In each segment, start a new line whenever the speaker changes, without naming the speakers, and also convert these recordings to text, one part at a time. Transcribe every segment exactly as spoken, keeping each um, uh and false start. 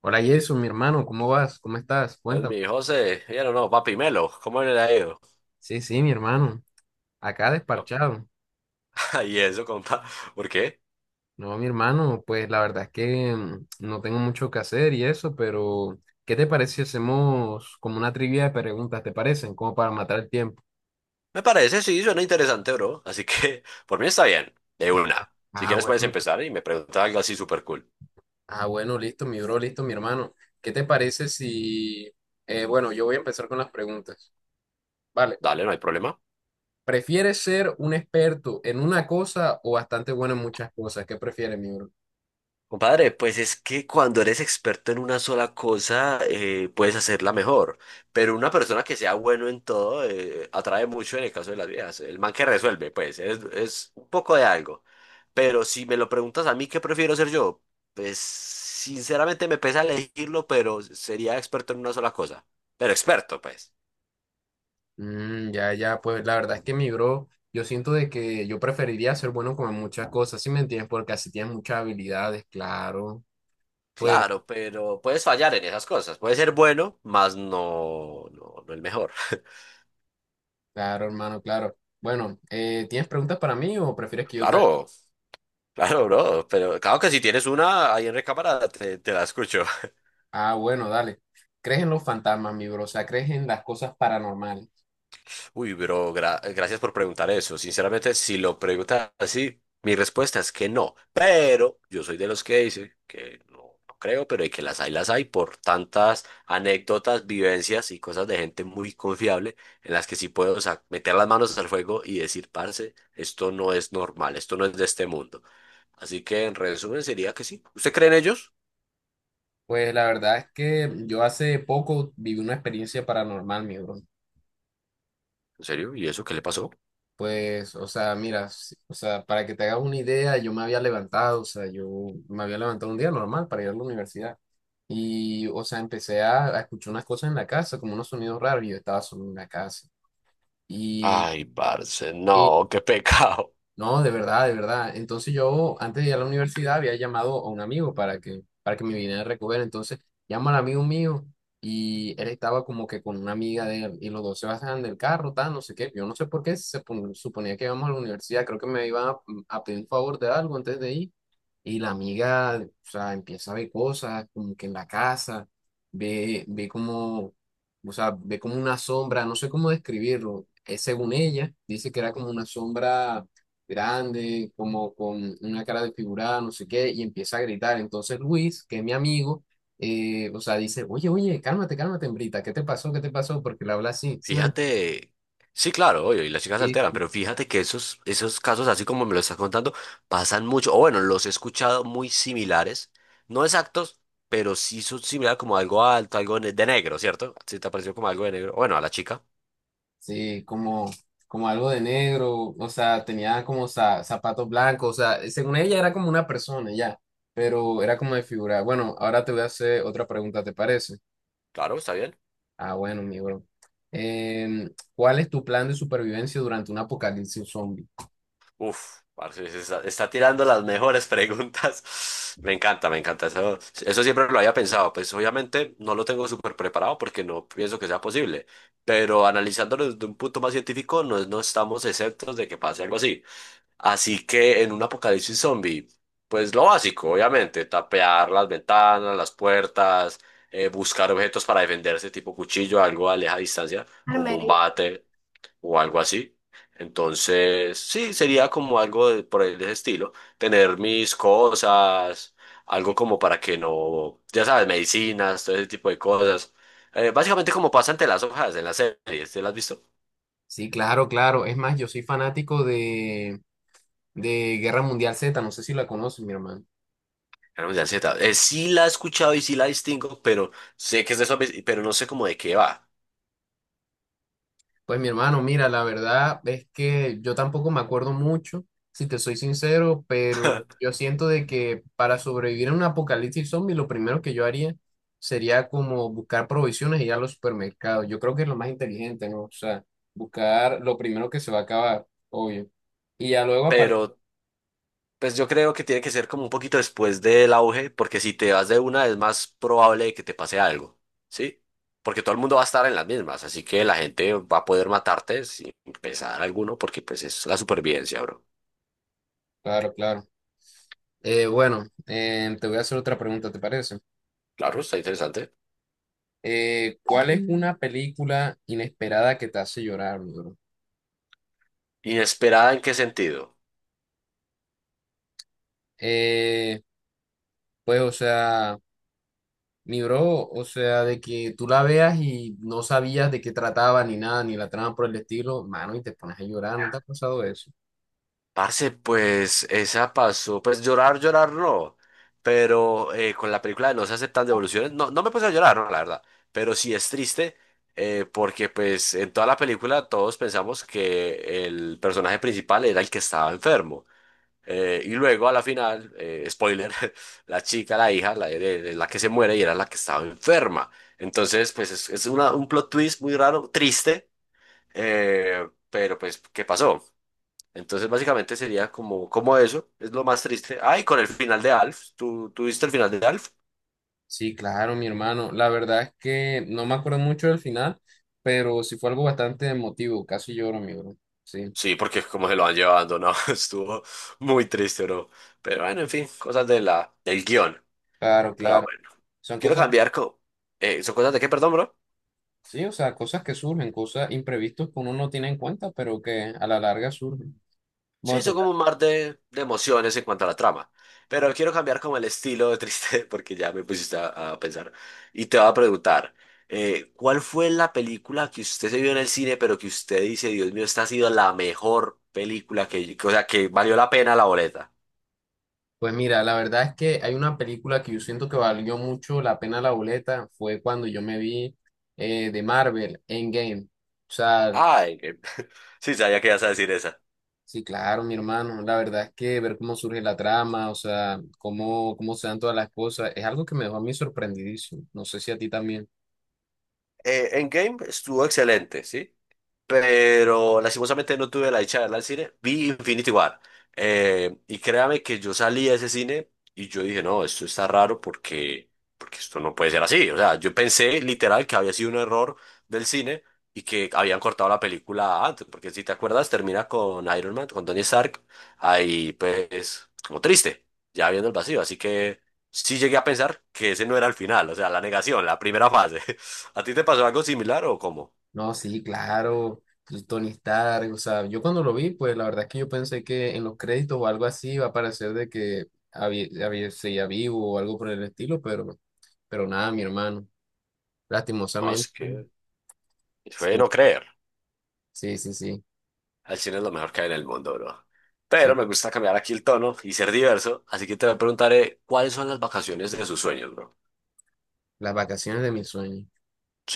Hola, Jason, mi hermano, ¿cómo vas? ¿Cómo estás?
Entonces
Cuéntame.
mi hijo se, ya no, no, papi Melo, ¿cómo le ha ido?
Sí, sí, mi hermano. Acá
Yo.
desparchado.
Y eso, compa, ¿por qué?
No, mi hermano, pues la verdad es que mm, no tengo mucho que hacer y eso, pero ¿qué te parece si hacemos como una trivia de preguntas? ¿Te parecen? Como para matar el tiempo.
Me parece, sí, suena interesante, bro. Así que, por mí está bien, de
Ah,
una. Si
ah,
quieres puedes
bueno.
empezar y me pregunta algo así súper cool.
Ah, bueno, listo, mi bro, listo, mi hermano. ¿Qué te parece si... eh, bueno, yo voy a empezar con las preguntas. Vale.
Dale, no hay problema.
¿Prefieres ser un experto en una cosa o bastante bueno en muchas cosas? ¿Qué prefieres, mi bro?
Compadre, pues es que cuando eres experto en una sola cosa, eh, puedes hacerla mejor. Pero una persona que sea bueno en todo, eh, atrae mucho en el caso de las viejas. El man que resuelve, pues, es, es un poco de algo. Pero si me lo preguntas a mí, ¿qué prefiero ser yo? Pues, sinceramente me pesa elegirlo, pero sería experto en una sola cosa. Pero experto, pues.
Mm, ya, ya, pues la verdad es que, mi bro, yo siento de que yo preferiría ser bueno con muchas cosas, ¿sí me entiendes? Porque así tienes muchas habilidades, claro. Pues,
Claro, pero puedes fallar en esas cosas. Puedes ser bueno, mas no, no, no el mejor.
claro, hermano, claro. Bueno, eh, ¿tienes preguntas para mí o prefieres que yo te...
Claro. Claro, bro, pero claro que si tienes una ahí en recámara, te, te la escucho.
Ah, bueno, dale. ¿Crees en los fantasmas, mi bro? O sea, ¿crees en las cosas paranormales?
Uy, bro, gra- gracias por preguntar eso. Sinceramente, si lo preguntas así, mi respuesta es que no. Pero yo soy de los que dice que no, no creo, pero de que las hay, las hay por tantas anécdotas, vivencias y cosas de gente muy confiable en las que sí puedo, o sea, meter las manos al fuego y decir, parce, esto no es normal, esto no es de este mundo. Así que en resumen sería que sí. ¿Usted cree en ellos?
Pues la verdad es que yo hace poco viví una experiencia paranormal, mi bro.
¿En serio? ¿Y eso qué le pasó?
Pues, o sea, mira, si- o sea, para que te hagas una idea, yo me había levantado, o sea, yo me había levantado un día normal para ir a la universidad. Y, o sea, empecé a, a escuchar unas cosas en la casa, como unos sonidos raros, y yo estaba solo en la casa. Y,
Ay, parce, no, qué pecado.
no, de verdad, de verdad. Entonces yo antes de ir a la universidad había llamado a un amigo para que, para que me viniera a recoger. Entonces llamo al amigo mío y él estaba como que con una amiga de él y los dos se bajan del carro, tal, no sé qué. Yo no sé por qué se pon- suponía que íbamos a la universidad. Creo que me iban a, mm, a pedir un favor de algo antes de ir. Y la amiga, o sea, empieza a ver cosas como que en la casa, ve, ve como, o sea, ve como una sombra, no sé cómo describirlo. Eh, según ella, dice que era como una sombra grande, como con una cara desfigurada, no sé qué, y empieza a gritar. Entonces Luis, que es mi amigo, eh, o sea, dice, oye, oye, cálmate, cálmate, hembrita, ¿qué te pasó? ¿Qué te pasó? Porque le habla así, ¿sí me
Fíjate, sí, claro, obvio, y las chicas se alteran,
entendí?
pero fíjate que esos, esos casos, así como me lo estás contando, pasan mucho, o bueno, los he escuchado muy similares, no exactos, pero sí son similares como algo alto, algo ne- de negro, ¿cierto? Sí, te pareció como algo de negro. Bueno, a la chica,
Sí, como, como algo de negro, o sea, tenía como za- zapatos blancos, o sea, según ella era como una persona ya, pero era como desfigurada. Bueno, ahora te voy a hacer otra pregunta, ¿te parece?
claro, está bien.
Ah, bueno, mi bro. Em, ¿cuál es tu plan de supervivencia durante un apocalipsis zombie?
Uf, parce, se está, está tirando las mejores preguntas. Me encanta, me encanta. Eso, eso siempre lo había pensado. Pues obviamente no lo tengo súper preparado porque no pienso que sea posible. Pero analizándolo desde un punto más científico, no, no estamos exentos de que pase algo así. Así que en un apocalipsis zombie, pues lo básico, obviamente, tapear las ventanas, las puertas, eh, buscar objetos para defenderse, tipo cuchillo, algo a leja distancia, como un bate o algo así. Entonces, sí, sería como algo de- por el de ese estilo, tener mis cosas, algo como para que no, ya sabes, medicinas, todo ese tipo de cosas. Eh, básicamente como pasa ante las hojas en las series, ¿te las has visto?
Sí, claro, claro. Es más, yo soy fanático de, de Guerra Mundial Z, no sé si la conoces, mi hermano.
Cannabis de ansiedad. Eh, sí la he escuchado y sí la distingo, pero sé que es de zombies, y- pero no sé cómo de qué va.
Pues, mi hermano, mira, la verdad es que yo tampoco me acuerdo mucho, si te soy sincero, pero yo siento de que para sobrevivir a un apocalipsis zombie, lo primero que yo haría sería como buscar provisiones y ir a los supermercados. Yo creo que es lo más inteligente, ¿no? O sea, buscar lo primero que se va a acabar, obvio. Y ya luego, aparte,
Pero pues yo creo que tiene que ser como un poquito después del auge, porque si te vas de una es más probable que te pase algo, ¿sí? Porque todo el mundo va a estar en las mismas, así que la gente va a poder matarte sin pesar alguno, porque pues es la supervivencia, bro.
claro, claro. Eh, bueno, em, te voy a hacer otra pregunta, ¿te parece?
Claro, está interesante.
Eh, ¿cuál es una película inesperada que te hace llorar, mi bro?
¿Inesperada en qué sentido?
Eh, pues, o sea, mi bro, o sea, de que tú la veas y no sabías de qué trataba ni nada, ni la trama por el estilo, mano, y te pones a llorar, ¿no te ha pasado eso?
Parce, pues esa pasó, pues llorar, llorar no, pero eh, con la película de No se aceptan devoluciones, no, no me puse a llorar, no, la verdad, pero sí es triste, eh, porque pues en toda la película todos pensamos que el personaje principal era el que estaba enfermo, eh, y luego a la final, eh, spoiler, la chica, la hija, la, de- de- la que se muere y era la que estaba enferma, entonces pues es, es una- un plot twist muy raro, triste, eh, pero pues ¿qué pasó? Entonces, básicamente sería como, como eso, es lo más triste. Ay, con el final de Alf, ¿tú, ¿tú viste el final de Alf?
Sí, claro, mi hermano. La verdad es que no me acuerdo mucho del final, pero sí fue algo bastante emotivo, casi lloro, mi bro. Sí,
Sí, porque como se lo van llevando, ¿no? Estuvo muy triste, no. Pero bueno, en fin, cosas de la, del guión.
claro,
Pero
claro.
bueno,
Son
quiero
cosas que,
cambiar. Co- eh, ¿son cosas de qué, perdón, bro?
sí, o sea, cosas que surgen, cosas imprevistas que uno no tiene en cuenta, pero que a la larga surgen.
Sí,
Bueno,
hizo como un mar de, de emociones en cuanto a la trama. Pero quiero cambiar como el estilo de triste porque ya me pusiste a, a pensar. Y te voy a preguntar, eh, ¿cuál fue la película que usted se vio en el cine, pero que usted dice, Dios mío, esta ha sido la mejor película que, que- o sea, que valió la pena la boleta?
pues mira, la verdad es que hay una película que yo siento que valió mucho la pena la boleta, fue cuando yo me vi, eh, de Marvel, Endgame. O sea,
Ah, Endgame. Sí, sabía que ibas a decir esa.
sí, claro, mi hermano, la verdad es que ver cómo surge la trama, o sea, cómo, cómo se dan todas las cosas, es algo que me dejó a mí sorprendidísimo. No sé si a ti también.
Eh, Endgame estuvo excelente, ¿sí? Pero lastimosamente no tuve la dicha de verla al cine. Vi Infinity War. Eh, y créame que yo salí de ese cine y yo dije, no, esto está raro porque, porque esto no puede ser así. O sea, yo pensé literal que había sido un error del cine y que habían cortado la película antes, porque si te acuerdas, termina con Iron Man, con Tony Stark, ahí pues como triste, ya viendo el vacío. Así que sí llegué a pensar que ese no era el final, o sea, la negación, la primera fase. ¿A ti te pasó algo similar o cómo?
No, sí, claro, el Tony Stark, o sea, yo cuando lo vi, pues la verdad es que yo pensé que en los créditos o algo así iba a parecer de que había, había, seguía vivo o algo por el estilo, pero, pero nada, mi hermano.
No, es
Lastimosamente,
que fue de
sí,
no creer.
sí, sí, sí,
El cine es lo mejor que hay en el mundo, bro. Pero
sí,
me gusta cambiar aquí el tono y ser diverso, así que te preguntaré cuáles son las vacaciones de sus sueños, bro.
las vacaciones de mis sueños.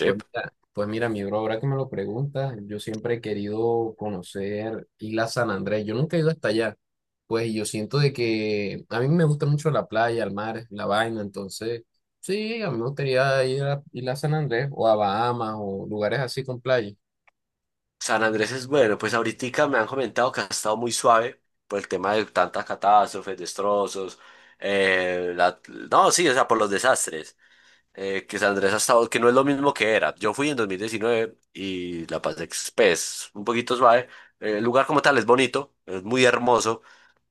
Pues mira, pues mira, mi bro, ahora que me lo preguntas, yo siempre he querido conocer Isla San Andrés, yo nunca he ido hasta allá, pues yo siento de que a mí me gusta mucho la playa, el mar, la vaina, entonces, sí, a mí me gustaría ir a Isla San Andrés o a Bahamas o lugares así con playa.
San Andrés es bueno, pues ahorita me han comentado que ha estado muy suave por el tema de tantas catástrofes, destrozos, eh, la- no, sí, o sea, por los desastres. Eh, que San Andrés ha estado, que no es lo mismo que era. Yo fui en dos mil diecinueve y la pasé pues, un poquito suave. Eh, El lugar como tal es bonito, es muy hermoso,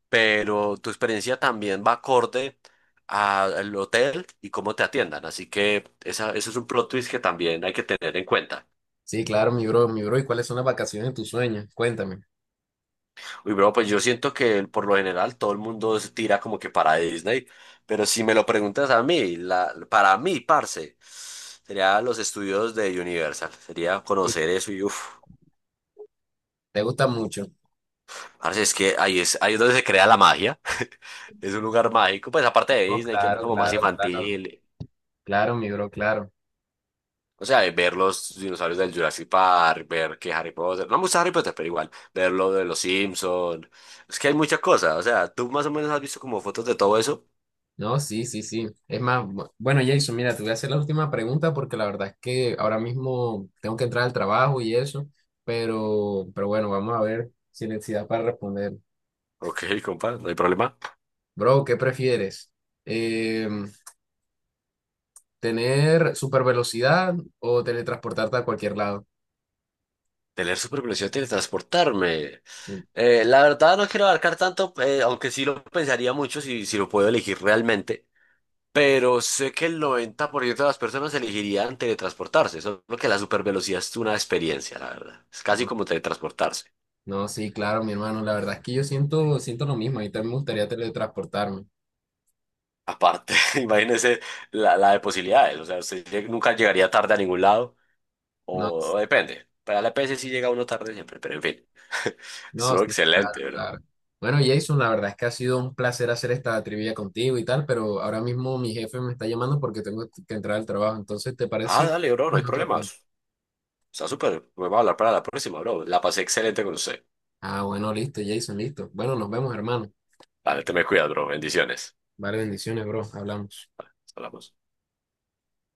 pero tu experiencia también va acorde a- al hotel y cómo te atiendan. Así que esa, eso es un plot twist que también hay que tener en cuenta.
Sí, claro, mi bro, mi bro, ¿y cuáles son las vacaciones de tus sueños? Cuéntame.
Uy, bro, pues yo siento que por lo general todo el mundo se tira como que para Disney, pero si me lo preguntas a mí, la, para mí, parce, sería los estudios de Universal, sería
Sí,
conocer eso y uff.
¿te gusta mucho?
Parce, es que ahí es, ahí es donde se crea la magia. Es un lugar mágico, pues aparte de
Oh,
Disney, que es
claro,
como más
claro, claro,
infantil.
claro, mi bro, claro.
O sea, de ver los dinosaurios del Jurassic Park, ver que Harry Potter, no me gusta Harry Potter, pero igual, ver lo de los Simpsons. Es que hay muchas cosas, o sea, tú más o menos has visto como fotos de todo eso.
No, sí, sí, sí. Es más, bu- bueno, Jason, mira, te voy a hacer la última pregunta porque la verdad es que ahora mismo tengo que entrar al trabajo y eso, pero, pero bueno, vamos a ver si necesidad para responder.
Ok, compa, no hay problema.
Bro, ¿qué prefieres? Em, ¿tener super velocidad o teletransportarte a cualquier lado?
Tener supervelocidad, teletransportarme.
Sí,
Eh, la verdad no quiero abarcar tanto, eh, aunque sí lo pensaría mucho si, si lo puedo elegir realmente. Pero sé que el noventa por ciento de las personas elegirían teletransportarse, solo que la supervelocidad es una experiencia, la verdad. Es casi
no,
como teletransportarse.
no, sí, claro, mi hermano, la verdad es que yo siento, siento lo mismo, a mí también me gustaría teletransportarme.
Aparte, imagínese la, la de posibilidades. O sea, usted lleg- nunca llegaría tarde a ningún lado.
No,
O, o depende. Para la E P E ese sí llega uno tarde siempre. Pero en fin.
no,
Estuvo
sí, claro,
excelente, bro.
claro. Bueno, Jason, la verdad es que ha sido un placer hacer esta trivia contigo y tal, pero ahora mismo mi jefe me está llamando porque tengo que entrar al trabajo. Entonces, ¿te parece
Ah,
si
dale, bro. No
vamos
hay
en otro punto?
problemas. Está súper. Me va a hablar para la próxima, bro. La pasé excelente con usted.
Ah, bueno, listo, Jason, listo. Bueno, nos vemos, hermano.
Dale, te me cuidas, bro. Bendiciones.
Vale, bendiciones, bro. Hablamos.
Hablamos.